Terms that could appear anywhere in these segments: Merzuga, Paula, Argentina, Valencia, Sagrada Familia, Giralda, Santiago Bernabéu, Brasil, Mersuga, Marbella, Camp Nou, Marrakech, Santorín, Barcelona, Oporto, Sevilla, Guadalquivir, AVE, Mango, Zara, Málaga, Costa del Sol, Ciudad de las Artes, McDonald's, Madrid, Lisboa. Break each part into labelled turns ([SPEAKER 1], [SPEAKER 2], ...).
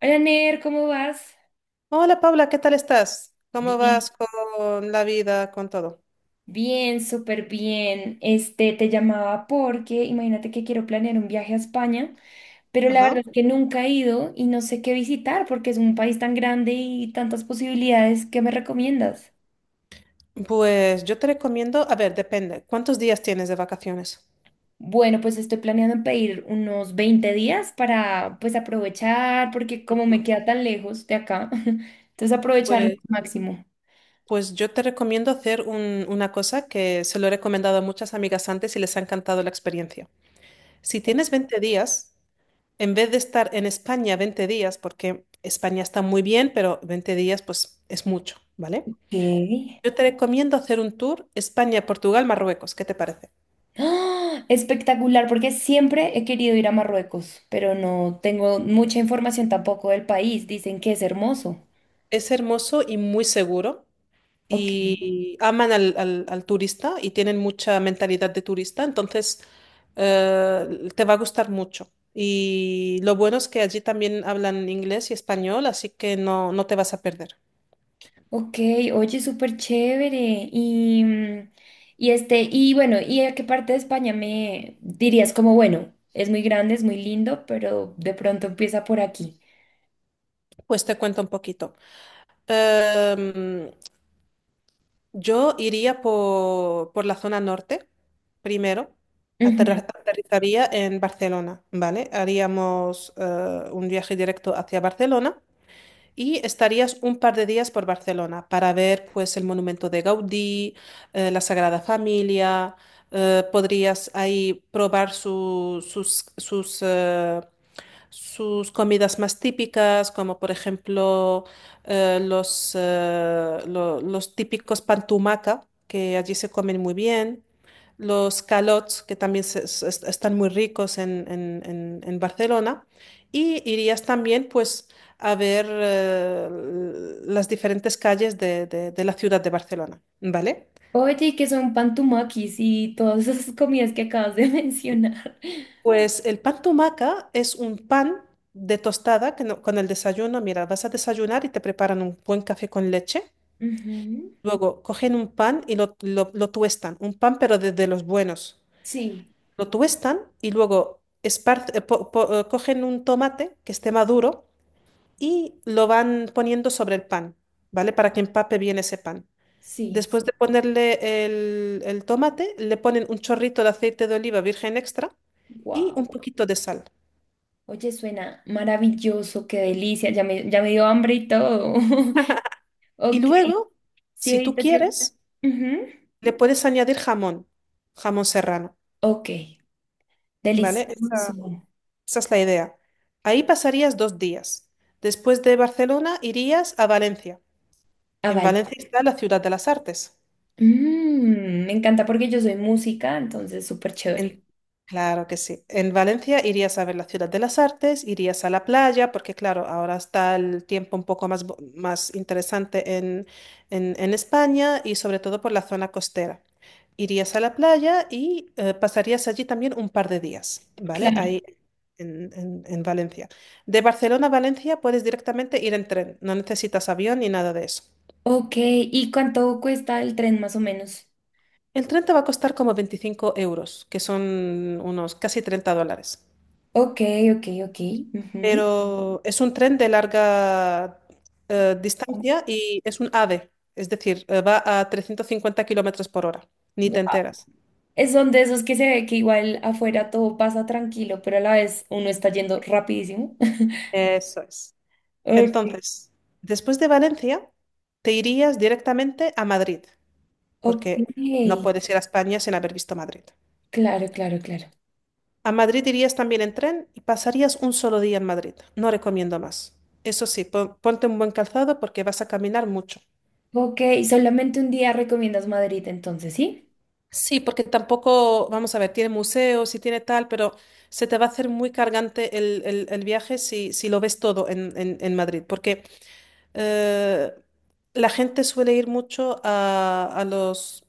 [SPEAKER 1] Hola Ner, ¿cómo vas?
[SPEAKER 2] Hola Paula, ¿qué tal estás? ¿Cómo
[SPEAKER 1] Bien,
[SPEAKER 2] vas con la vida, con todo?
[SPEAKER 1] bien, súper bien. Te llamaba porque imagínate que quiero planear un viaje a España, pero la
[SPEAKER 2] Ajá.
[SPEAKER 1] verdad es que nunca he ido y no sé qué visitar porque es un país tan grande y tantas posibilidades. ¿Qué me recomiendas?
[SPEAKER 2] Pues yo te recomiendo, a ver, depende, ¿cuántos días tienes de vacaciones?
[SPEAKER 1] Bueno, pues estoy planeando en pedir unos 20 días para pues aprovechar porque como me queda tan lejos de acá, entonces aprovechar lo
[SPEAKER 2] Pues,
[SPEAKER 1] máximo.
[SPEAKER 2] pues yo te recomiendo hacer una cosa que se lo he recomendado a muchas amigas antes y les ha encantado la experiencia. Si tienes 20 días, en vez de estar en España 20 días, porque España está muy bien, pero 20 días pues es mucho, ¿vale?
[SPEAKER 1] Ok.
[SPEAKER 2] Yo te recomiendo hacer un tour España, Portugal, Marruecos, ¿qué te parece?
[SPEAKER 1] ¡Ah! Espectacular, porque siempre he querido ir a Marruecos, pero no tengo mucha información tampoco del país. Dicen que es hermoso.
[SPEAKER 2] Es hermoso y muy seguro.
[SPEAKER 1] Ok,
[SPEAKER 2] Y aman al turista y tienen mucha mentalidad de turista, entonces te va a gustar mucho. Y lo bueno es que allí también hablan inglés y español, así que no, no te vas a perder.
[SPEAKER 1] ok, oye, súper chévere. Y, mm, y bueno, ¿y a qué parte de España me dirías como, bueno, es muy grande, es muy lindo, pero de pronto empieza por aquí?
[SPEAKER 2] Pues te cuento un poquito. Em, yo iría por la zona norte primero.
[SPEAKER 1] Ujú.
[SPEAKER 2] Aterrizaría en Barcelona, ¿vale? Haríamos un viaje directo hacia Barcelona. Y estarías un par de días por Barcelona para ver pues el monumento de Gaudí, la Sagrada Familia, podrías ahí probar sus sus comidas más típicas, como por ejemplo los típicos pantumaca, que allí se comen muy bien, los calots, que también están muy ricos en Barcelona, y irías también pues a ver las diferentes calles de la ciudad de Barcelona, ¿vale?
[SPEAKER 1] Oye, ¿y qué son pantumakis y todas esas comidas que acabas de mencionar?
[SPEAKER 2] Pues el pan tumaca es un pan de tostada que no- con el desayuno, mira, vas a desayunar y te preparan un buen café con leche.
[SPEAKER 1] Ujú.
[SPEAKER 2] Luego cogen un pan y lo tuestan, un pan pero de los buenos.
[SPEAKER 1] Sí,
[SPEAKER 2] Lo tuestan y luego cogen un tomate que esté maduro y lo van poniendo sobre el pan, ¿vale? Para que empape bien ese pan.
[SPEAKER 1] sí.
[SPEAKER 2] Después de ponerle el tomate, le ponen un chorrito de aceite de oliva virgen extra y
[SPEAKER 1] Wow.
[SPEAKER 2] un poquito de sal.
[SPEAKER 1] Oye, suena maravilloso, qué delicia, ya me dio hambre y todo.
[SPEAKER 2] Y
[SPEAKER 1] Ok,
[SPEAKER 2] luego,
[SPEAKER 1] sí,
[SPEAKER 2] si tú
[SPEAKER 1] ahorita que...
[SPEAKER 2] quieres,
[SPEAKER 1] Ujú.
[SPEAKER 2] le puedes añadir jamón, jamón serrano,
[SPEAKER 1] Ok,
[SPEAKER 2] ¿vale?
[SPEAKER 1] delicioso.
[SPEAKER 2] Esa es la idea. Ahí pasarías dos días. Después de Barcelona irías a Valencia.
[SPEAKER 1] Ah,
[SPEAKER 2] En
[SPEAKER 1] vale.
[SPEAKER 2] Valencia está la Ciudad de las Artes.
[SPEAKER 1] Mm, me encanta porque yo soy música, entonces súper chévere.
[SPEAKER 2] En- claro que sí. En Valencia irías a ver la Ciudad de las Artes, irías a la playa, porque claro, ahora está el tiempo un poco más interesante en España y sobre todo por la zona costera. Irías a la playa y pasarías allí también un par de días, ¿vale?
[SPEAKER 1] Claro.
[SPEAKER 2] Ahí en Valencia. De Barcelona a Valencia puedes directamente ir en tren, no necesitas avión ni nada de eso.
[SPEAKER 1] Ok, ¿y cuánto cuesta el tren más o menos?
[SPEAKER 2] El tren te va a costar como 25 euros, que son unos casi 30 dólares.
[SPEAKER 1] Ok, ok, ok. Ujú.
[SPEAKER 2] Pero es un tren de larga distancia y es un AVE, es decir, va a 350 kilómetros por hora, ni te
[SPEAKER 1] Guau.
[SPEAKER 2] enteras.
[SPEAKER 1] Es son de esos que se ve que igual afuera todo pasa tranquilo, pero a la vez uno está yendo rapidísimo.
[SPEAKER 2] Eso es.
[SPEAKER 1] Ok,
[SPEAKER 2] Entonces, después de Valencia, te irías directamente a Madrid,
[SPEAKER 1] ok.
[SPEAKER 2] porque no puedes ir a España sin haber visto Madrid.
[SPEAKER 1] Claro, claro, claro.
[SPEAKER 2] A Madrid irías también en tren y pasarías un solo día en Madrid. No recomiendo más. Eso sí, ponte un buen calzado porque vas a caminar mucho.
[SPEAKER 1] Ok, solamente un día recomiendas Madrid entonces, ¿sí?
[SPEAKER 2] Sí, porque tampoco, vamos a ver, tiene museos y tiene tal, pero se te va a hacer muy cargante el viaje si, si lo ves todo en Madrid, porque eh, la gente suele ir mucho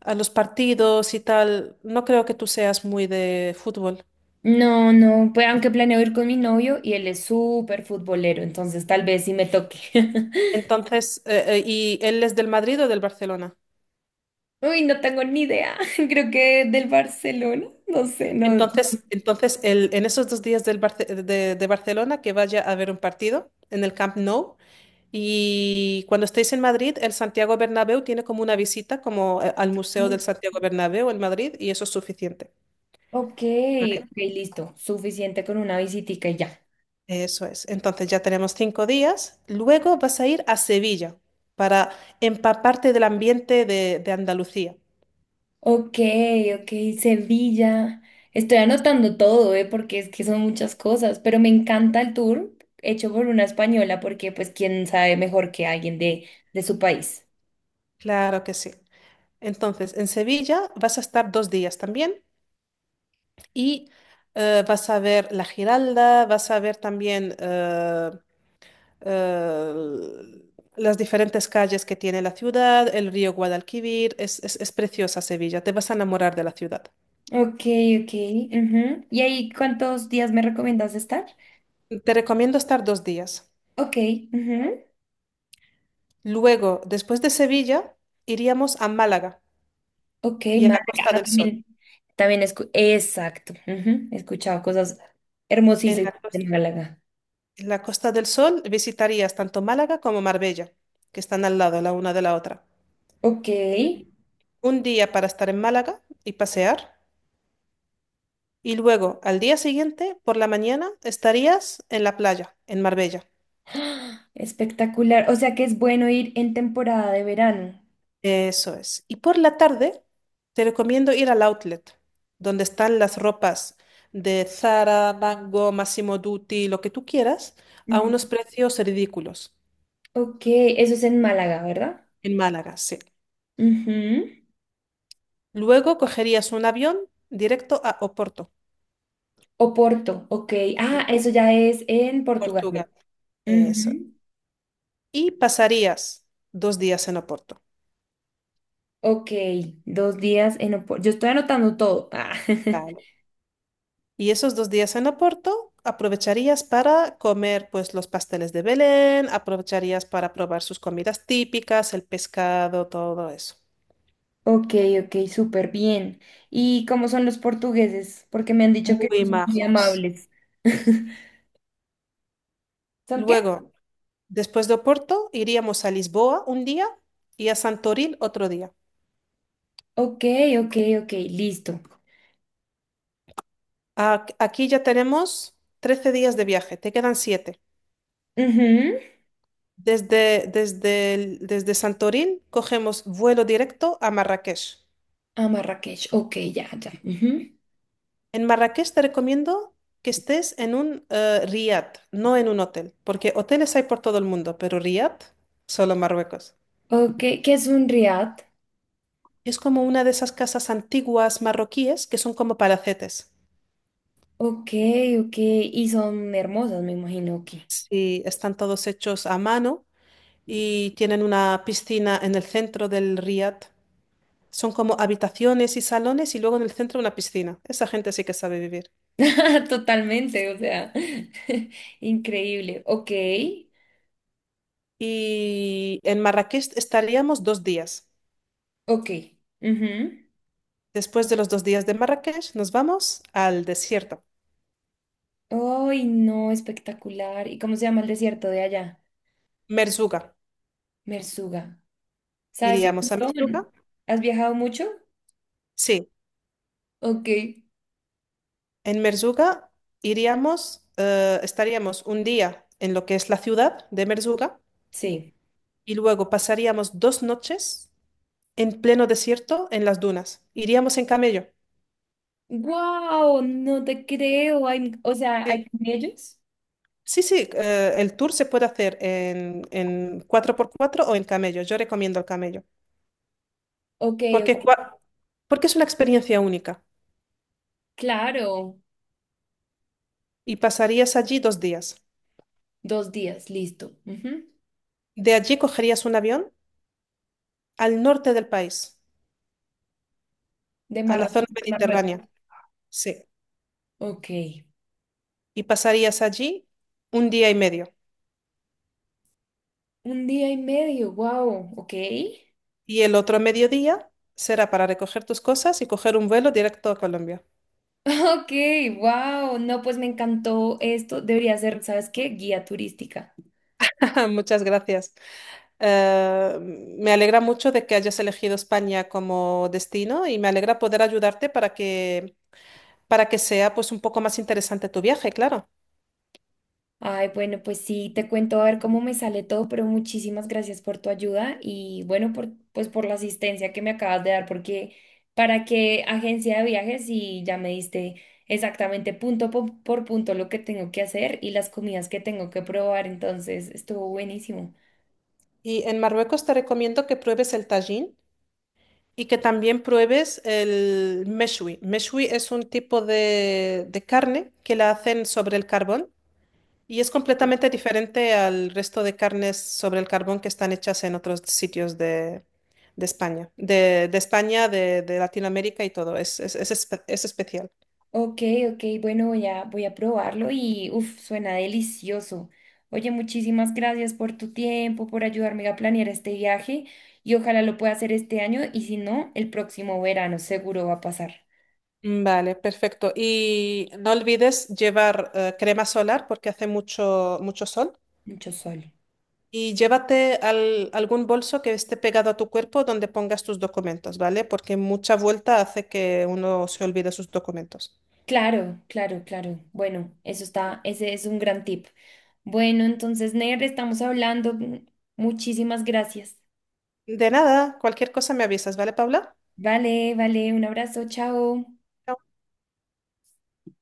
[SPEAKER 2] a los partidos y tal. No creo que tú seas muy de fútbol.
[SPEAKER 1] No, no, pues aunque planeo ir con mi novio y él es súper futbolero, entonces tal vez sí me toque.
[SPEAKER 2] Entonces, ¿y él es del Madrid o del Barcelona?
[SPEAKER 1] Uy, no tengo ni idea. Creo que del Barcelona, no sé, no.
[SPEAKER 2] Entonces, entonces en esos dos días de Barcelona, que vaya a ver un partido en el Camp Nou. Y cuando estéis en Madrid, el Santiago Bernabéu tiene como una visita como al Museo del
[SPEAKER 1] No.
[SPEAKER 2] Santiago Bernabéu en Madrid y eso es suficiente.
[SPEAKER 1] Ok,
[SPEAKER 2] ¿Vale?
[SPEAKER 1] ok, listo. Suficiente con una visitica y ya.
[SPEAKER 2] Eso es. Entonces ya tenemos 5 días. Luego vas a ir a Sevilla para empaparte del ambiente de Andalucía.
[SPEAKER 1] Ok, ok, Sevilla. Estoy anotando todo, ¿eh? Porque es que son muchas cosas, pero me encanta el tour hecho por una española porque pues quién sabe mejor que alguien de su país.
[SPEAKER 2] Claro que sí. Entonces, en Sevilla vas a estar dos días también y vas a ver la Giralda, vas a ver también eh, las diferentes calles que tiene la ciudad, el río Guadalquivir, es preciosa Sevilla, te vas a enamorar de la ciudad.
[SPEAKER 1] Ok, ok. Ujú. ¿Y ahí cuántos días me recomiendas estar?
[SPEAKER 2] Te recomiendo estar dos días.
[SPEAKER 1] Ok, ujú.
[SPEAKER 2] Luego, después de Sevilla, iríamos a Málaga
[SPEAKER 1] Ok,
[SPEAKER 2] y a
[SPEAKER 1] Málaga.
[SPEAKER 2] la Costa
[SPEAKER 1] Ah,
[SPEAKER 2] del Sol.
[SPEAKER 1] también, exacto. Ujú, he escuchado cosas
[SPEAKER 2] En la,
[SPEAKER 1] hermosísimas
[SPEAKER 2] cos-
[SPEAKER 1] de Málaga.
[SPEAKER 2] en la Costa del Sol visitarías tanto Málaga como Marbella, que están al lado la una de la otra.
[SPEAKER 1] Ok.
[SPEAKER 2] Un día para estar en Málaga y pasear, y luego al día siguiente, por la mañana, estarías en la playa, en Marbella.
[SPEAKER 1] ¡Ah! Espectacular. O sea que es bueno ir en temporada de verano.
[SPEAKER 2] Eso es. Y por la tarde te recomiendo ir al outlet, donde están las ropas de Zara, Mango, Massimo Dutti, lo que tú quieras, a
[SPEAKER 1] Ujú.
[SPEAKER 2] unos precios ridículos.
[SPEAKER 1] Ok, eso es en Málaga, ¿verdad?
[SPEAKER 2] En Málaga, sí.
[SPEAKER 1] Ujú.
[SPEAKER 2] Luego cogerías un avión directo a Oporto,
[SPEAKER 1] O Porto, ok. Ah,
[SPEAKER 2] en
[SPEAKER 1] eso ya es en Portugal,
[SPEAKER 2] Portugal.
[SPEAKER 1] ¿verdad?
[SPEAKER 2] Eso.
[SPEAKER 1] Ujú.
[SPEAKER 2] Y pasarías dos días en Oporto.
[SPEAKER 1] Ok, dos días en Oporto. Yo estoy anotando todo. Ah.
[SPEAKER 2] Vale. Y esos dos días en Oporto aprovecharías para comer pues los pasteles de Belén, aprovecharías para probar sus comidas típicas, el pescado, todo eso.
[SPEAKER 1] Ok, ok, súper bien. ¿Y cómo son los portugueses? Porque me han dicho que
[SPEAKER 2] Muy
[SPEAKER 1] no son muy
[SPEAKER 2] majos.
[SPEAKER 1] amables. ¿Son qué?
[SPEAKER 2] Luego, después de Oporto, iríamos a Lisboa un día y a Santorín otro día.
[SPEAKER 1] Ok, ok, ok, listo.
[SPEAKER 2] Aquí ya tenemos 13 días de viaje, te quedan 7.
[SPEAKER 1] Ujú.
[SPEAKER 2] Desde Santorín cogemos vuelo directo a Marrakech.
[SPEAKER 1] A Marrakech, ok, ya, ya. Ujú.
[SPEAKER 2] En Marrakech te recomiendo que estés en un riad, no en un hotel, porque hoteles hay por todo el mundo, pero riad, solo en Marruecos.
[SPEAKER 1] Ok, ¿qué es un riad?
[SPEAKER 2] Es como una de esas casas antiguas marroquíes que son como palacetes.
[SPEAKER 1] Ok, ok. Y son hermosas, me imagino que.
[SPEAKER 2] Sí, están todos hechos a mano y tienen una piscina en el centro del riad. Son como habitaciones y salones y luego en el centro una piscina. Esa gente sí que sabe vivir.
[SPEAKER 1] Totalmente, o sea, increíble. Ok,
[SPEAKER 2] Y en Marrakech estaríamos dos días.
[SPEAKER 1] ok. Ujú.
[SPEAKER 2] Después de los dos días de Marrakech, nos vamos al desierto,
[SPEAKER 1] Ay, no, espectacular. ¿Y cómo se llama el desierto de allá?
[SPEAKER 2] Merzuga.
[SPEAKER 1] Mersuga. ¿Sabes un
[SPEAKER 2] Iríamos a Merzuga.
[SPEAKER 1] montón? ¿Has viajado mucho?
[SPEAKER 2] Sí,
[SPEAKER 1] Ok,
[SPEAKER 2] en Merzuga iríamos, estaríamos un día en lo que es la ciudad de Merzuga
[SPEAKER 1] sí.
[SPEAKER 2] y luego pasaríamos dos noches en pleno desierto en las dunas. Iríamos en camello.
[SPEAKER 1] Wow, no te creo. ¿Hay, o sea,
[SPEAKER 2] Sí,
[SPEAKER 1] ¿hay camellos?
[SPEAKER 2] sí, el tour se puede hacer en 4x4 o en camello. Yo recomiendo el camello
[SPEAKER 1] Ok,
[SPEAKER 2] porque,
[SPEAKER 1] ok.
[SPEAKER 2] porque es una experiencia única
[SPEAKER 1] Claro.
[SPEAKER 2] y pasarías allí dos días.
[SPEAKER 1] Dos días, listo. Ujú.
[SPEAKER 2] De allí cogerías un avión al norte del país,
[SPEAKER 1] De
[SPEAKER 2] a la zona
[SPEAKER 1] Marruecos.
[SPEAKER 2] mediterránea. Sí.
[SPEAKER 1] Ok.
[SPEAKER 2] Y pasarías allí un día y medio.
[SPEAKER 1] Un día y medio, wow, ok.
[SPEAKER 2] Y el otro mediodía será para recoger tus cosas y coger un vuelo directo a Colombia.
[SPEAKER 1] Ok, wow, no, pues me encantó esto. Debería ser, ¿sabes qué? Guía turística.
[SPEAKER 2] Muchas gracias. Me alegra mucho de que hayas elegido España como destino y me alegra poder ayudarte para que sea pues un poco más interesante tu viaje, claro.
[SPEAKER 1] Ay, bueno, pues sí, te cuento a ver cómo me sale todo, pero muchísimas gracias por tu ayuda y bueno, por, pues por la asistencia que me acabas de dar, porque para qué agencia de viajes y ya me diste exactamente por punto lo que tengo que hacer y las comidas que tengo que probar, entonces estuvo buenísimo.
[SPEAKER 2] Y en Marruecos te recomiendo que pruebes el tajín, y que también pruebes el meshwi. Meshwi es un tipo de carne que la hacen sobre el carbón y es completamente diferente al resto de carnes sobre el carbón que están hechas en otros sitios de España, de Latinoamérica y todo. Es especial.
[SPEAKER 1] Ok, ok, bueno, voy a probarlo y uff, suena delicioso. Oye, muchísimas gracias por tu tiempo, por ayudarme a planear este viaje y ojalá lo pueda hacer este año y si no, el próximo verano seguro va a pasar
[SPEAKER 2] Mm, vale, perfecto. Y no olvides llevar crema solar porque hace mucho, mucho sol.
[SPEAKER 1] mucho sol.
[SPEAKER 2] Y llévate algún bolso que esté pegado a tu cuerpo donde pongas tus documentos, ¿vale? Porque mucha vuelta hace que uno se olvide sus documentos.
[SPEAKER 1] Claro, claro, claro. Bueno, eso está, ese es un gran tip. Bueno, entonces, Ner, estamos hablando. Muchísimas gracias.
[SPEAKER 2] De nada, cualquier cosa me avisas, ¿vale, Paula?
[SPEAKER 1] Vale, vale, un abrazo, chao.